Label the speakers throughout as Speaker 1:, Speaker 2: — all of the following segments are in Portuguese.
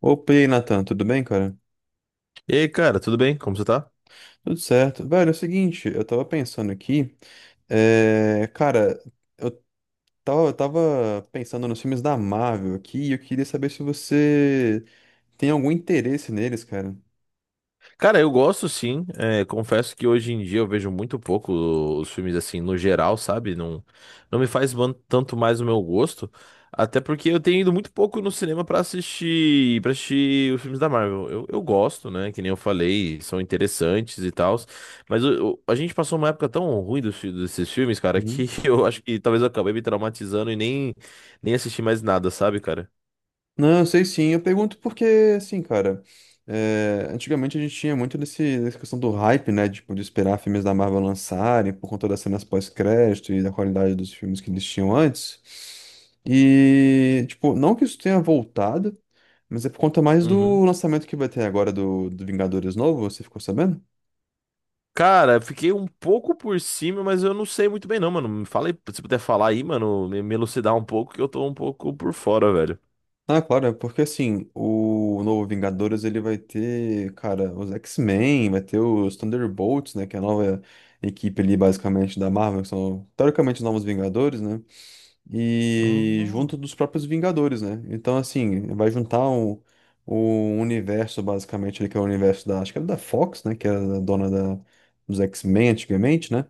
Speaker 1: Opa, e aí, Nathan, tudo bem, cara?
Speaker 2: E aí, cara, tudo bem? Como você tá?
Speaker 1: Tudo certo. Velho, é o seguinte, eu tava pensando aqui, é, cara, eu tava pensando nos filmes da Marvel aqui e eu queria saber se você tem algum interesse neles, cara.
Speaker 2: Cara, eu gosto sim. É, confesso que hoje em dia eu vejo muito pouco os filmes assim, no geral, sabe? Não, não me faz tanto mais o meu gosto. Até porque eu tenho ido muito pouco no cinema pra assistir, para assistir os filmes da Marvel. Eu gosto, né? Que nem eu falei, são interessantes e tal. Mas a gente passou uma época tão ruim desses filmes, cara, que
Speaker 1: Uhum.
Speaker 2: eu acho que talvez eu acabei me traumatizando e nem assisti mais nada, sabe, cara?
Speaker 1: Não, eu sei sim. Eu pergunto porque, assim, cara, antigamente a gente tinha muito dessa questão do hype, né? Tipo, de esperar filmes da Marvel lançarem por conta das cenas pós-crédito e da qualidade dos filmes que eles tinham antes. E, tipo, não que isso tenha voltado, mas é por conta mais
Speaker 2: Uhum.
Speaker 1: do lançamento que vai ter agora do Vingadores novo, você ficou sabendo?
Speaker 2: Cara, eu fiquei um pouco por cima, mas eu não sei muito bem não, mano. Me fala aí, se puder falar aí, mano, me elucidar um pouco, que eu tô um pouco por fora, velho.
Speaker 1: Ah, claro, é porque assim, o novo Vingadores ele vai ter, cara, os X-Men, vai ter os Thunderbolts, né, que é a nova equipe ali basicamente da Marvel, que são teoricamente os novos Vingadores, né, e
Speaker 2: Ah.
Speaker 1: junto dos próprios Vingadores, né, então assim, vai juntar o universo basicamente ali, que é o universo da, acho que era da Fox, né, que era a dona da, dos X-Men antigamente, né,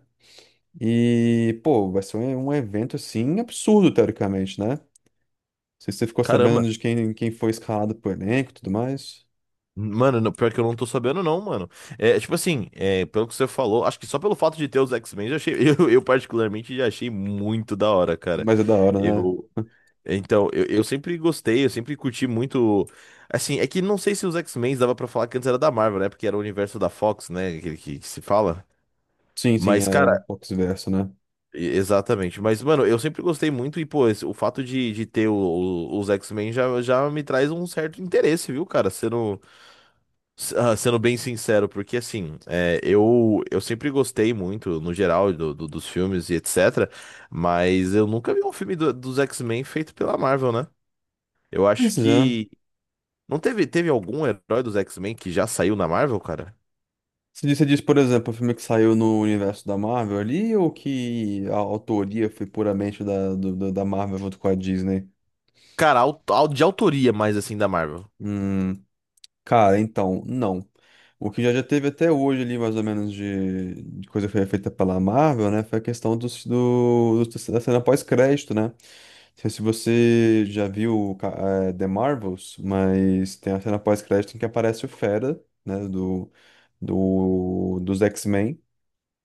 Speaker 1: e, pô, vai ser um evento assim absurdo teoricamente, né. Não sei se você ficou
Speaker 2: Caramba.
Speaker 1: sabendo de quem foi escalado pro elenco e tudo mais.
Speaker 2: Mano, pior que eu não tô sabendo, não, mano. É, tipo assim, é, pelo que você falou, acho que só pelo fato de ter os X-Men, já achei, eu particularmente já achei muito da hora, cara.
Speaker 1: Mas é da hora, né?
Speaker 2: Eu, então, eu sempre gostei, eu sempre curti muito. Assim, é que não sei se os X-Men dava pra falar que antes era da Marvel, né? Porque era o universo da Fox, né? Aquele que se fala.
Speaker 1: Sim, sim,
Speaker 2: Mas,
Speaker 1: é
Speaker 2: cara,
Speaker 1: o Fox Verso, né?
Speaker 2: Exatamente, mas mano, eu sempre gostei muito e pô, o fato de ter os X-Men já me traz um certo interesse, viu, cara? Sendo, sendo bem sincero, porque assim, é, eu sempre gostei muito, no geral, dos filmes e etc, mas eu nunca vi um filme dos X-Men feito pela Marvel, né? Eu acho
Speaker 1: Mas é.
Speaker 2: que. Não teve, teve algum herói dos X-Men que já saiu na Marvel, cara?
Speaker 1: Você disse, por exemplo, o filme que saiu no universo da Marvel ali, ou que a autoria foi puramente da, da Marvel junto com a Disney?
Speaker 2: Cara, de autoria mais assim da Marvel.
Speaker 1: Hum, cara, então, não. O que já teve até hoje ali, mais ou menos, de coisa que foi feita pela Marvel, né? Foi a questão dos, da cena pós-crédito, né? Não sei se você já viu The Marvels, mas tem a cena pós-crédito em que aparece o Fera, né, do, dos X-Men.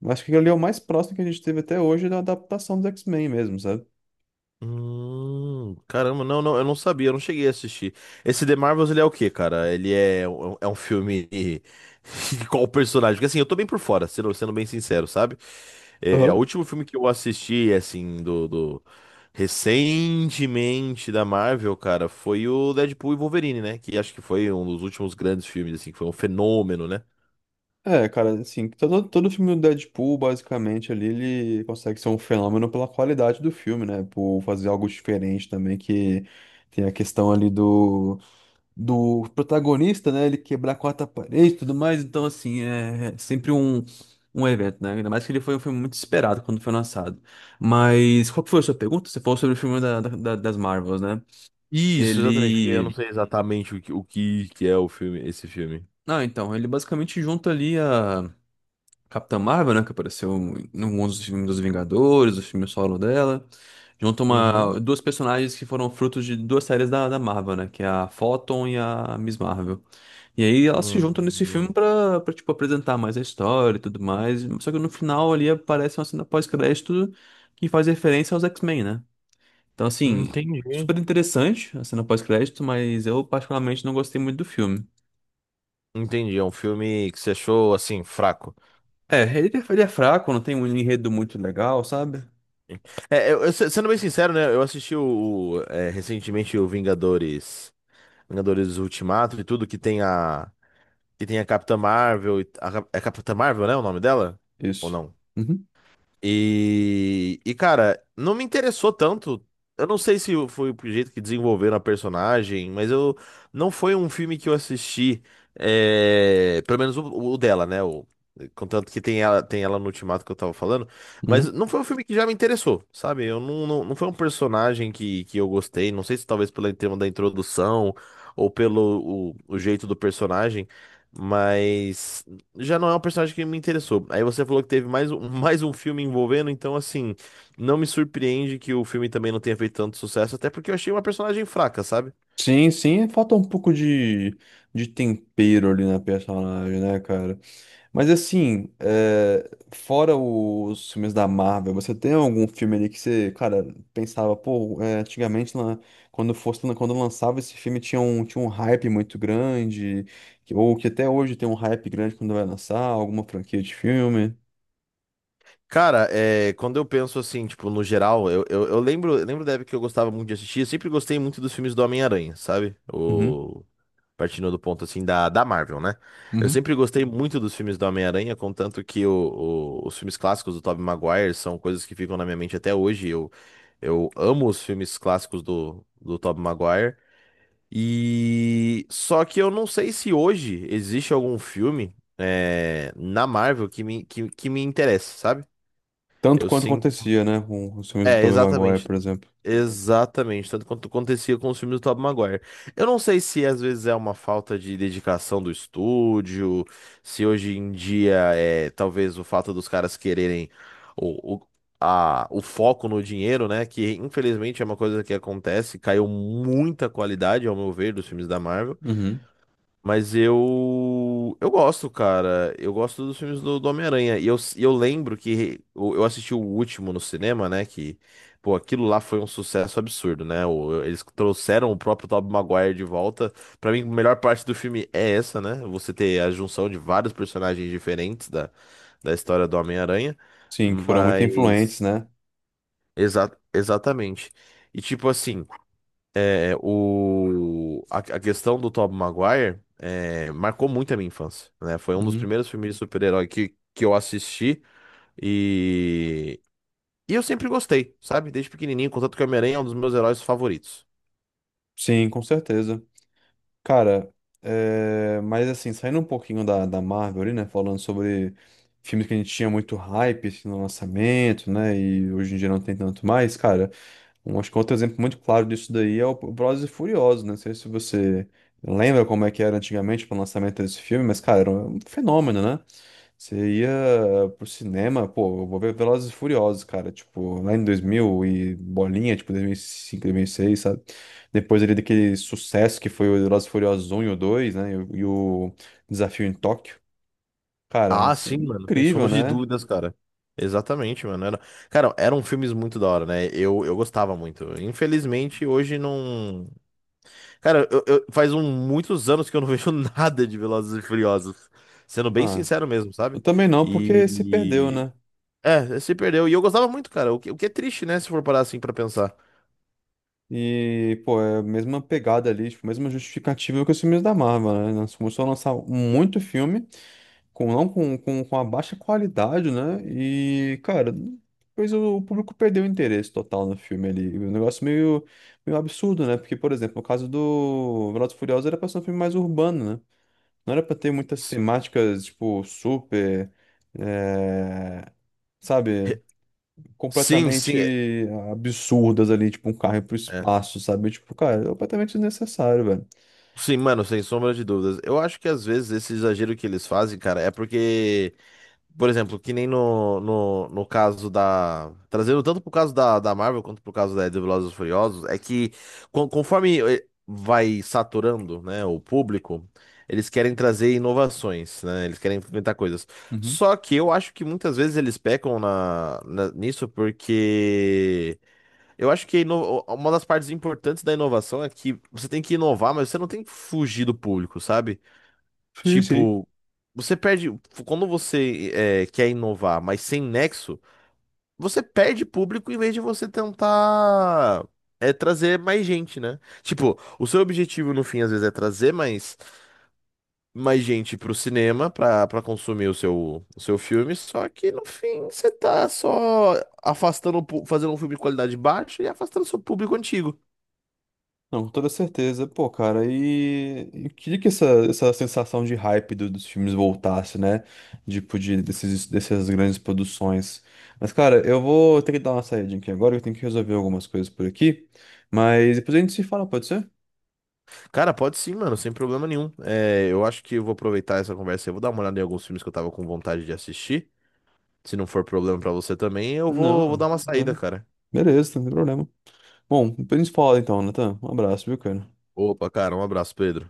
Speaker 1: Eu acho que ele é o mais próximo que a gente teve até hoje da adaptação dos X-Men mesmo, sabe?
Speaker 2: Caramba, não, eu não sabia, eu não cheguei a assistir. Esse The Marvels, ele é o quê, cara? Ele é, é um filme de qual personagem? Porque assim, eu tô bem por fora, sendo bem sincero, sabe? É, o
Speaker 1: Aham.
Speaker 2: último filme que eu assisti, assim, recentemente da Marvel, cara, foi o Deadpool e Wolverine, né? Que acho que foi um dos últimos grandes filmes, assim, que foi um fenômeno, né?
Speaker 1: É, cara, assim, todo filme do Deadpool, basicamente, ali, ele consegue ser um fenômeno pela qualidade do filme, né? Por fazer algo diferente também, que tem a questão ali do protagonista, né? Ele quebrar a quarta parede e tudo mais. Então, assim, é sempre um evento, né? Ainda mais que ele foi um filme muito esperado quando foi lançado. Mas qual que foi a sua pergunta? Você falou sobre o filme da, das Marvels, né?
Speaker 2: Isso, exatamente, porque eu não
Speaker 1: Ele.
Speaker 2: sei exatamente o que que é o filme, esse filme.
Speaker 1: Ah, então, ele basicamente junta ali a Capitã Marvel, né? Que apareceu em alguns dos filmes dos Vingadores, o filme solo dela. Junto
Speaker 2: Uhum.
Speaker 1: uma, duas personagens que foram frutos de duas séries da, da Marvel, né? Que é a Photon e a Miss Marvel. E aí elas se juntam nesse filme
Speaker 2: Uhum.
Speaker 1: pra, pra tipo, apresentar mais a história e tudo mais. Só que no final ali aparece uma cena pós-crédito que faz referência aos X-Men, né? Então, assim,
Speaker 2: Entendi.
Speaker 1: super interessante a cena pós-crédito, mas eu particularmente não gostei muito do filme.
Speaker 2: Entendi, é um filme que você achou, assim, fraco.
Speaker 1: É, ele é fraco, não tem um enredo muito legal, sabe?
Speaker 2: É, sendo bem sincero, né, eu assisti recentemente o Vingadores, Vingadores Ultimato e tudo, que tem a Capitã Marvel, e a, Cap- é Capitã Marvel, né, o nome dela? Ou
Speaker 1: Isso.
Speaker 2: não?
Speaker 1: Uhum,
Speaker 2: Cara, não me interessou tanto. Eu não sei se foi o jeito que desenvolveram a personagem, mas eu não foi um filme que eu assisti, é, pelo menos o dela, né? O, contanto que tem ela no Ultimato que eu tava falando, mas
Speaker 1: uhum.
Speaker 2: não foi um filme que já me interessou, sabe? Eu não, não, não foi um personagem que eu gostei. Não sei se talvez pelo tema da introdução ou pelo o jeito do personagem, mas já não é um personagem que me interessou. Aí você falou que teve mais um, mais um filme envolvendo, então assim, não me surpreende que o filme também não tenha feito tanto sucesso, até porque eu achei uma personagem fraca, sabe?
Speaker 1: Sim, sim, falta um pouco de tempero ali na personagem, né, cara? Mas assim, é, fora os filmes da Marvel, você tem algum filme ali que você, cara, pensava, pô, é, antigamente, lá, quando lançava esse filme, tinha tinha um hype muito grande, que- ou que até hoje tem um hype grande quando vai lançar alguma franquia de filme?
Speaker 2: Cara, é, quando eu penso assim, tipo, no geral, eu lembro da época que eu gostava muito de assistir, eu sempre gostei muito dos filmes do Homem-Aranha, sabe?
Speaker 1: Uhum,
Speaker 2: O, partindo do ponto assim da, da Marvel, né? Eu
Speaker 1: uhum.
Speaker 2: sempre gostei muito dos filmes do Homem-Aranha, contanto que os filmes clássicos do Tobey Maguire são coisas que ficam na minha mente até hoje. Eu amo os filmes clássicos do Tobey Maguire. E só que eu não sei se hoje existe algum filme é, na Marvel que que me interesse, sabe?
Speaker 1: Tanto
Speaker 2: Eu
Speaker 1: quanto
Speaker 2: sinto.
Speaker 1: acontecia, né, com os filmes do
Speaker 2: É,
Speaker 1: Tobey Maguire,
Speaker 2: exatamente,
Speaker 1: por exemplo.
Speaker 2: exatamente, tanto quanto acontecia com os filmes do Tobey Maguire. Eu não sei se às vezes é uma falta de dedicação do estúdio, se hoje em dia é talvez o fato dos caras quererem o, o, o foco no dinheiro, né? Que infelizmente é uma coisa que acontece, caiu muita qualidade, ao meu ver, dos filmes da Marvel. Mas eu. Eu gosto, cara. Eu gosto dos filmes do Homem-Aranha. E eu lembro que eu assisti o último no cinema, né? Que, pô, aquilo lá foi um sucesso absurdo, né? O- Eles trouxeram o próprio Tobey Maguire de volta. Pra mim, a melhor parte do filme é essa, né? Você ter a junção de vários personagens diferentes da, da história do Homem-Aranha.
Speaker 1: Sim, que foram muito influentes,
Speaker 2: Mas.
Speaker 1: né?
Speaker 2: Exatamente. E tipo assim. É, a questão do Tobey Maguire é, marcou muito a minha infância, né? Foi um dos
Speaker 1: Uhum.
Speaker 2: primeiros filmes de super-herói que eu assisti e, e eu sempre gostei, sabe? Desde pequenininho, contanto que o Homem-Aranha é um dos meus heróis favoritos.
Speaker 1: Sim, com certeza. Cara, é, mas assim, saindo um pouquinho da, da Marvel ali, né? Falando sobre filmes que a gente tinha muito hype assim, no lançamento, né? E hoje em dia não tem tanto mais, cara. Um, acho que outro exemplo muito claro disso daí é o Velozes e Furiosos, né? Não sei se você lembra como é que era antigamente para o lançamento desse filme, mas, cara, era um fenômeno, né? Você ia pro cinema, pô, eu vou ver Velozes e Furiosos, cara, tipo, lá em 2000 e bolinha, tipo, 2005, seis, sabe? Depois ali daquele sucesso que foi o Velozes e Furiosos um e o 2, né? E o Desafio em Tóquio. Cara, é,
Speaker 2: Ah,
Speaker 1: assim,
Speaker 2: sim, mano, sem sombra
Speaker 1: incrível,
Speaker 2: de
Speaker 1: né?
Speaker 2: dúvidas, cara. Exatamente, mano. Era, cara, eram filmes muito da hora, né? Eu gostava muito. Infelizmente, hoje não. Cara, faz muitos anos que eu não vejo nada de Velozes e Furiosos. Sendo bem
Speaker 1: Ah,
Speaker 2: sincero mesmo, sabe?
Speaker 1: eu também não, porque se perdeu,
Speaker 2: E.
Speaker 1: né?
Speaker 2: É, se perdeu. E eu gostava muito, cara. O que é triste, né? Se for parar assim pra pensar.
Speaker 1: E, pô, é a mesma pegada ali, tipo, a mesma justificativa que os filmes da Marvel, né? Nós começamos a lançar muito filme com não com, com a baixa qualidade, né? E, cara, depois o público perdeu o interesse total no filme ali. Um negócio meio absurdo, né? Porque, por exemplo, no caso do Velozes e Furiosos era pra ser um filme mais urbano, né? Não era pra ter muitas
Speaker 2: S-
Speaker 1: temáticas, tipo, super, eh, sabe?
Speaker 2: re- Sim, sim. É.
Speaker 1: Completamente absurdas ali, tipo, um carro ir pro
Speaker 2: é.
Speaker 1: espaço, sabe? Tipo, cara, é completamente desnecessário, velho.
Speaker 2: Sim, mano, sem sombra de dúvidas. Eu acho que às vezes esse exagero que eles fazem, cara, é porque. Por exemplo, que nem no caso da. Trazendo tanto pro caso da, da Marvel quanto pro caso da, do Velozes e Furiosos, é que conforme vai saturando, né, o público, eles querem trazer inovações, né? Eles querem inventar coisas.
Speaker 1: Uhum.
Speaker 2: Só que eu acho que muitas vezes eles pecam nisso porque. Eu acho que a uma das partes importantes da inovação é que você tem que inovar, mas você não tem que fugir do público, sabe?
Speaker 1: Sim, sim.
Speaker 2: Tipo, você perde. Quando você é, quer inovar, mas sem nexo, você perde público em vez de você tentar é, trazer mais gente, né? Tipo, o seu objetivo no fim, às vezes, é trazer mais, mais gente pro cinema pra, pra consumir o seu filme, só que no fim você tá só afastando, fazendo um filme de qualidade baixa e afastando seu público antigo.
Speaker 1: Não, com toda certeza. Pô, cara, e eu queria que essa sensação de hype do- dos filmes voltasse, né? Tipo, desses, dessas grandes produções. Mas, cara, eu vou ter que dar uma saída aqui agora, eu tenho que resolver algumas coisas por aqui. Mas depois a gente se fala, pode ser?
Speaker 2: Cara, pode sim, mano, sem problema nenhum. É, eu acho que eu vou aproveitar essa conversa e vou dar uma olhada em alguns filmes que eu tava com vontade de assistir. Se não for problema pra você também, vou dar
Speaker 1: Não,
Speaker 2: uma saída,
Speaker 1: agora-
Speaker 2: cara.
Speaker 1: beleza, não tem problema. Bom, depois a gente fala então, Natan. Um abraço, viu, cara?
Speaker 2: Opa, cara, um abraço, Pedro.